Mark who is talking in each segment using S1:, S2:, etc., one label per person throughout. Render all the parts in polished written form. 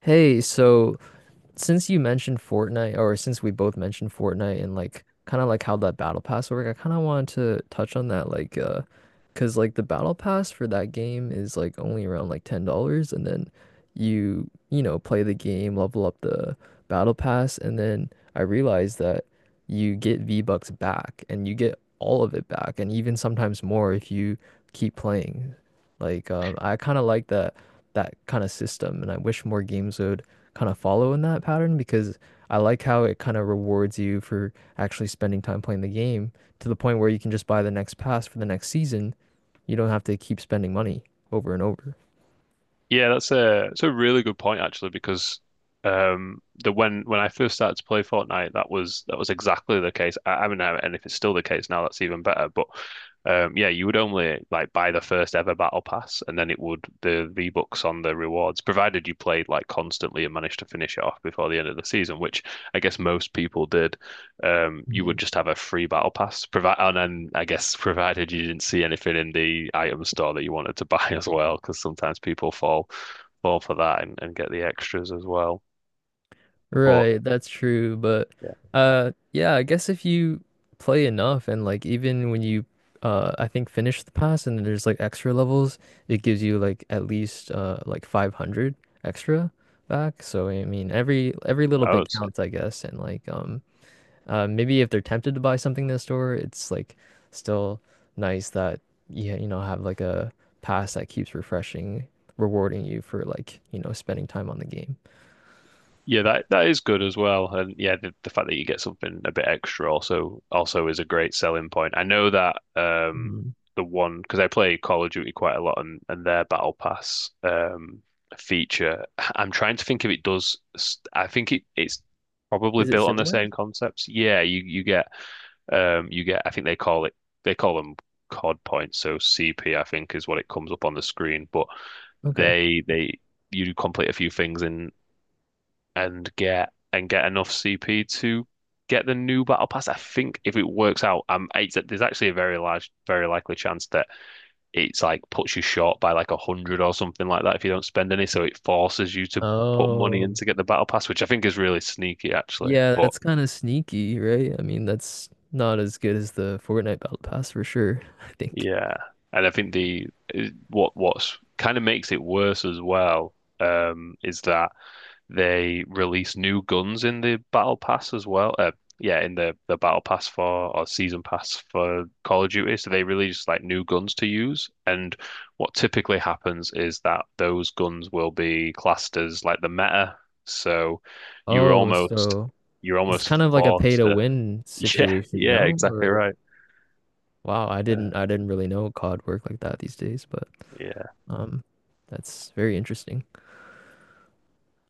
S1: Hey, so since you mentioned Fortnite, or since we both mentioned Fortnite and like kind of like how that battle pass work, I kind of wanted to touch on that because like the battle pass for that game is like only around like $10, and then you know play the game, level up the battle pass, and then I realized that you get V-Bucks back, and you get all of it back, and even sometimes more if you keep playing. I kind of like that kind of system, and I wish more games would kind of follow in that pattern because I like how it kind of rewards you for actually spending time playing the game to the point where you can just buy the next pass for the next season. You don't have to keep spending money over and over.
S2: Yeah, that's a it's a really good point actually because the when I first started to play Fortnite that was exactly the case. I mean, and if it's still the case now, that's even better. But yeah, you would only like buy the first ever battle pass, and then it would the V-Bucks on the rewards, provided you played like constantly and managed to finish it off before the end of the season, which I guess most people did. You
S1: Mhm.
S2: would just have a free battle pass. And then I guess provided you didn't see anything in the item store that you wanted to buy as well, because sometimes people fall for that and get the extras as well. But
S1: Right, that's true, but
S2: yeah,
S1: yeah, I guess if you play enough and like even when you I think finish the pass and then there's like extra levels, it gives you like at least like 500 extra back. So I mean every little
S2: I
S1: bit
S2: would say.
S1: counts, I guess, and like maybe if they're tempted to buy something in the store, it's like still nice that you know have like a pass that keeps refreshing, rewarding you for like, you know, spending time on the game.
S2: Yeah, that is good as well, and yeah, the fact that you get something a bit extra also is a great selling point. I know that
S1: Mhm.
S2: the one, because I play Call of Duty quite a lot, and their Battle Pass feature, I'm trying to think if it does. I think it's probably
S1: Is it
S2: built on the
S1: similar?
S2: same concepts. Yeah, you get you get, I think they call it, they call them COD points, so CP I think is what it comes up on the screen, but
S1: Okay.
S2: they you complete a few things in and get, and get enough CP to get the new battle pass. I think if it works out, it's, there's actually a very large, very likely chance that it's like puts you short by like a hundred or something like that if you don't spend any. So it forces you to put money in
S1: Oh,
S2: to get the battle pass, which I think is really sneaky actually.
S1: yeah,
S2: But
S1: that's kind of sneaky, right? I mean, that's not as good as the Fortnite Battle Pass for sure, I think.
S2: yeah, and I think the what what's kind of makes it worse as well, is that they released new guns in the battle pass as well. Yeah, in the battle pass for, or season pass for, Call of Duty. So they released like new guns to use. And what typically happens is that those guns will be classed as like the meta. So you're
S1: Oh,
S2: almost
S1: so
S2: you're
S1: it's
S2: almost
S1: kind of like a pay
S2: forced
S1: to
S2: to.
S1: win
S2: Yeah,
S1: situation,
S2: yeah,
S1: no?
S2: exactly
S1: Or
S2: right.
S1: wow, I didn't
S2: Uh,
S1: I didn't really know COD worked like that these days, but
S2: yeah,
S1: um that's very interesting.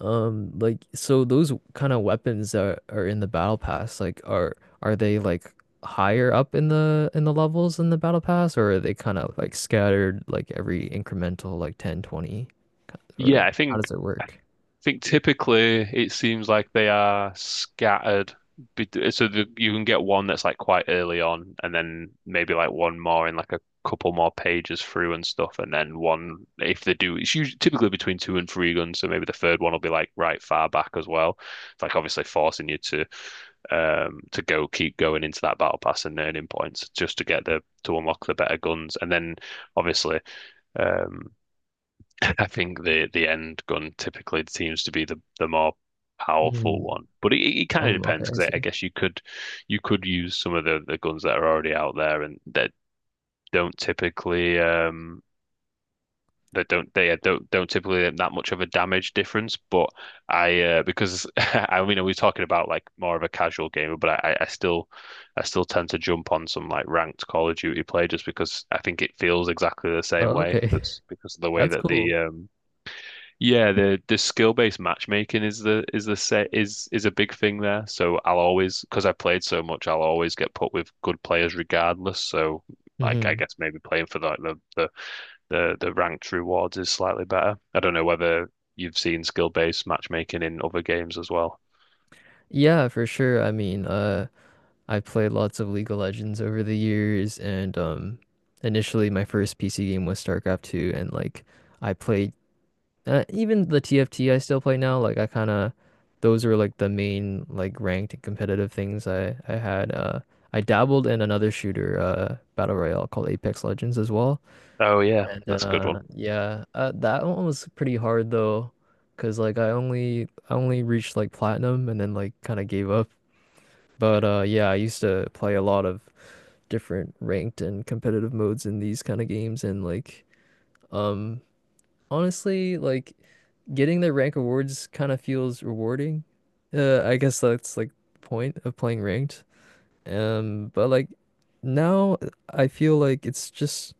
S1: Like so those kind of weapons that are in the battle pass, like are they like higher up in the levels in the battle pass or are they kind of like scattered like every incremental like 10, 20, kind of-
S2: yeah.
S1: or
S2: I
S1: how
S2: think,
S1: does it work?
S2: typically it seems like they are scattered. So the, you can get one that's like quite early on, and then maybe like one more in like a couple more pages through and stuff, and then one, if they do, it's usually typically between two and three guns. So maybe the third one will be like right far back as well. It's like obviously forcing you to go, keep going into that battle pass and earning points just to get the to unlock the better guns, and then obviously um I think the end gun typically seems to be the more powerful
S1: Mm.
S2: one, but it kind of
S1: Okay,
S2: depends
S1: I
S2: because I
S1: see.
S2: guess you could, you could use some of the guns that are already out there and that don't typically that don't, they don't typically have that much of a damage difference. But I, because I mean we're talking about like more of a casual gamer, but I still, I still tend to jump on some like ranked Call of Duty play just because I think it feels exactly the same
S1: Oh,
S2: way.
S1: okay.
S2: That's because of the way
S1: That's
S2: that
S1: cool.
S2: the yeah, the skill-based matchmaking is the set is a big thing there. So I'll always, because I played so much, I'll always get put with good players regardless. So like I
S1: Hmm.
S2: guess maybe playing for like the the ranked rewards is slightly better. I don't know whether you've seen skill-based matchmaking in other games as well.
S1: Yeah, for sure. I mean, I played lots of League of Legends over the years, and initially my first PC game was StarCraft 2, and like I played. Even the TFT I still play now, like I kind of those are like the main like ranked and competitive things I had. I dabbled in another shooter, battle royale called Apex Legends as well,
S2: Oh yeah,
S1: and then
S2: that's a good one.
S1: yeah, that one was pretty hard though, cause like I only reached like platinum and then like kind of gave up. But yeah, I used to play a lot of different ranked and competitive modes in these kind of games, and um honestly, like getting the rank awards kind of feels rewarding. I guess that's like the point of playing ranked. But like now I feel like it's just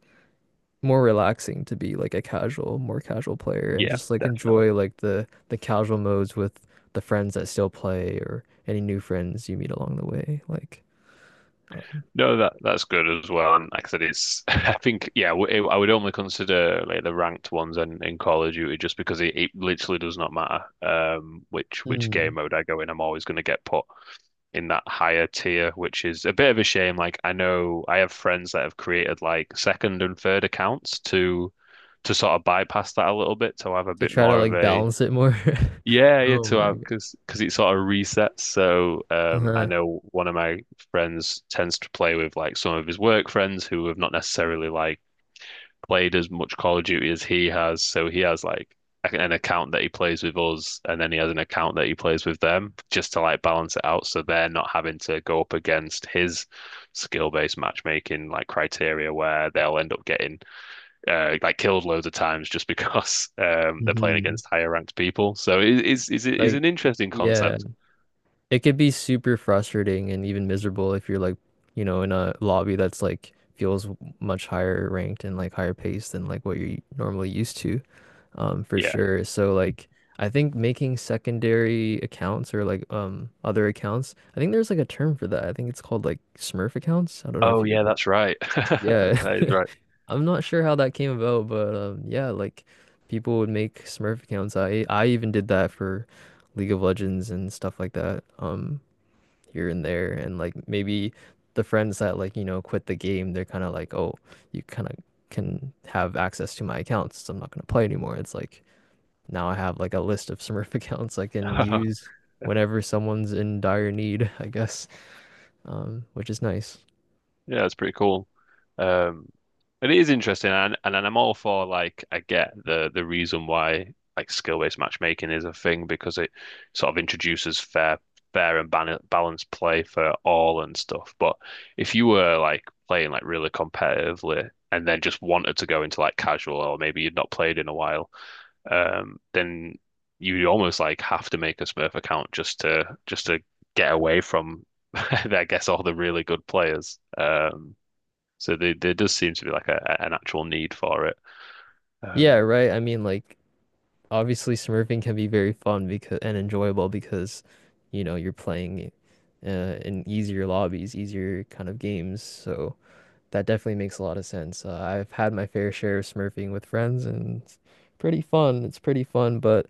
S1: more relaxing to be like a casual, more casual player and
S2: Yeah,
S1: just like
S2: definitely.
S1: enjoy like the casual modes with the friends that still play or any new friends you meet along the way. Um,
S2: No, that that's good as well. And like I said, it's I think yeah, it, I would only consider like the ranked ones in Call of Duty just because it literally does not matter which
S1: Mm.
S2: game mode I go in. I'm always going to get put in that higher tier, which is a bit of a shame. Like I know I have friends that have created like second and third accounts to sort of bypass that a little bit to have a
S1: To
S2: bit
S1: try to
S2: more of
S1: like
S2: a,
S1: balance it more.
S2: yeah, yeah,
S1: Oh
S2: two
S1: my
S2: hours
S1: God.
S2: because it sort of resets. So I
S1: Uh-huh.
S2: know one of my friends tends to play with like some of his work friends who have not necessarily like played as much Call of Duty as he has. So he has like an account that he plays with us, and then he has an account that he plays with them just to like balance it out, so they're not having to go up against his skill-based matchmaking like criteria where they'll end up getting like killed loads of times just because they're playing
S1: Hmm.
S2: against higher ranked people. So it is
S1: Like,
S2: an interesting
S1: yeah.
S2: concept.
S1: It could be super frustrating and even miserable if you're like, you know, in a lobby that's like feels much higher ranked and like higher paced than like what you're normally used to, for
S2: Yeah.
S1: sure. So like I think making secondary accounts or like other accounts, I think there's like a term for that. I think it's called like Smurf accounts. I don't know if
S2: Oh
S1: you
S2: yeah,
S1: ever,
S2: that's right. That
S1: yeah.
S2: is
S1: I'm not sure how that came about, but yeah, like people would make Smurf accounts. I even did that for League of Legends and stuff like that. Here and there, and like maybe the friends that like you know quit the game, they're kind of like, oh, you kind of can have access to my accounts, so I'm not going to play anymore. It's like now I have like a list of Smurf accounts I can
S2: right.
S1: use whenever someone's in dire need. I guess, which is nice.
S2: Yeah, that's pretty cool. Um, it is interesting, and I'm all for like, I get the reason why like skill-based matchmaking is a thing because it sort of introduces fair and ban balanced play for all and stuff. But if you were like playing like really competitively and then just wanted to go into like casual, or maybe you'd not played in a while, then you almost like have to make a Smurf account just to, just to get away from, I guess, all the really good players. So there does seem to be like an actual need for it.
S1: Yeah,
S2: Um,
S1: right, I mean like obviously Smurfing can be very fun because and enjoyable because you know you're playing in easier lobbies, easier kind of games, so that definitely makes a lot of sense. I've had my fair share of smurfing with friends, and it's pretty fun. It's pretty fun, but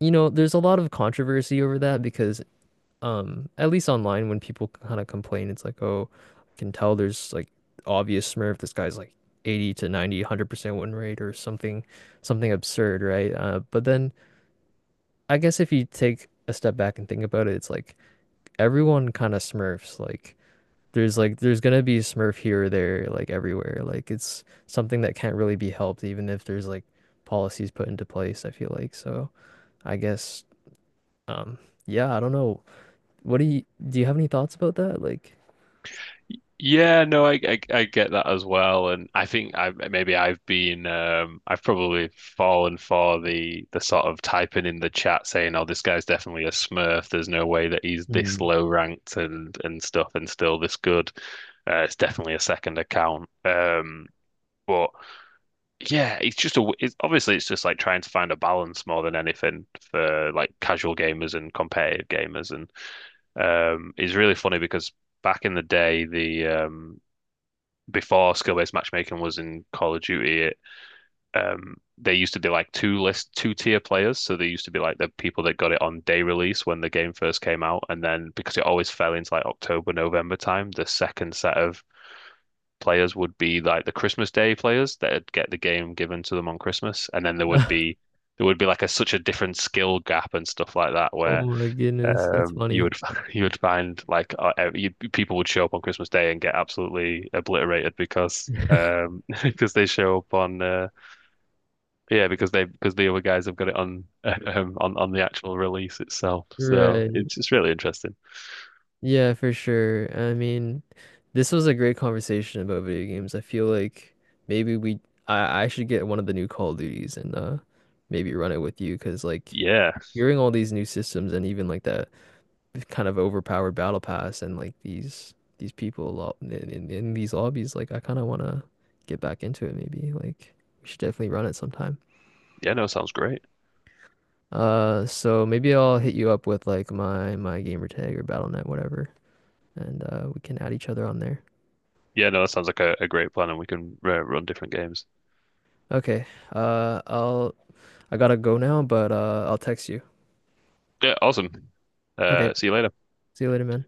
S1: you know, there's a lot of controversy over that because, at least online, when people kind of complain, it's like, oh, I can tell there's like obvious smurf. This guy's like 80 to 90, 100% win rate or something, something absurd, right? But then I guess if you take a step back and think about it, it's like everyone kind of smurfs, like there's gonna be Smurf here or there, like everywhere. Like it's something that can't really be helped, even if there's like policies put into place, I feel like. So I guess um yeah, I don't know. What do you have any thoughts about that? Like
S2: Yeah, no, I get that as well, and I think I maybe I've been I've probably fallen for the sort of typing in the chat saying, "Oh, this guy's definitely a Smurf. There's no way that he's this
S1: Mm.
S2: low ranked and stuff and still this good. It's definitely a second account." But yeah, it's just a. it's obviously it's just like trying to find a balance more than anything for like casual gamers and competitive gamers, and it's really funny because back in the day the before skill-based matchmaking was in Call of Duty, they used to be like two tier players. So they used to be like the people that got it on day release when the game first came out, and then because it always fell into like October, November time, the second set of players would be like the Christmas Day players that'd get the game given to them on Christmas, and then there would be like a such a different skill gap and stuff like that
S1: Oh
S2: where
S1: my goodness, that's
S2: you
S1: funny.
S2: would you would find like people would show up on Christmas Day and get absolutely obliterated because because they show up on yeah, because the other guys have got it on on the actual release itself. So
S1: Right.
S2: it's just really interesting.
S1: Yeah, for sure. I mean, this was a great conversation about video games. I feel like maybe we I should get one of the new Call of Duties and maybe run it with you because like
S2: Yeah,
S1: hearing all these new systems and even like that kind of overpowered battle pass and like these people lo- in, in these lobbies like I kind of want to get back into it maybe like we should definitely run it sometime.
S2: yeah, no, sounds great.
S1: So maybe I'll hit you up with like my gamer tag or Battle.net, whatever, and we can add each other on there.
S2: Yeah, no, that sounds like a great plan, and we can run different games.
S1: Okay. I'll I gotta go now, but I'll text you.
S2: Yeah, awesome.
S1: Okay.
S2: See you later.
S1: See you later, man.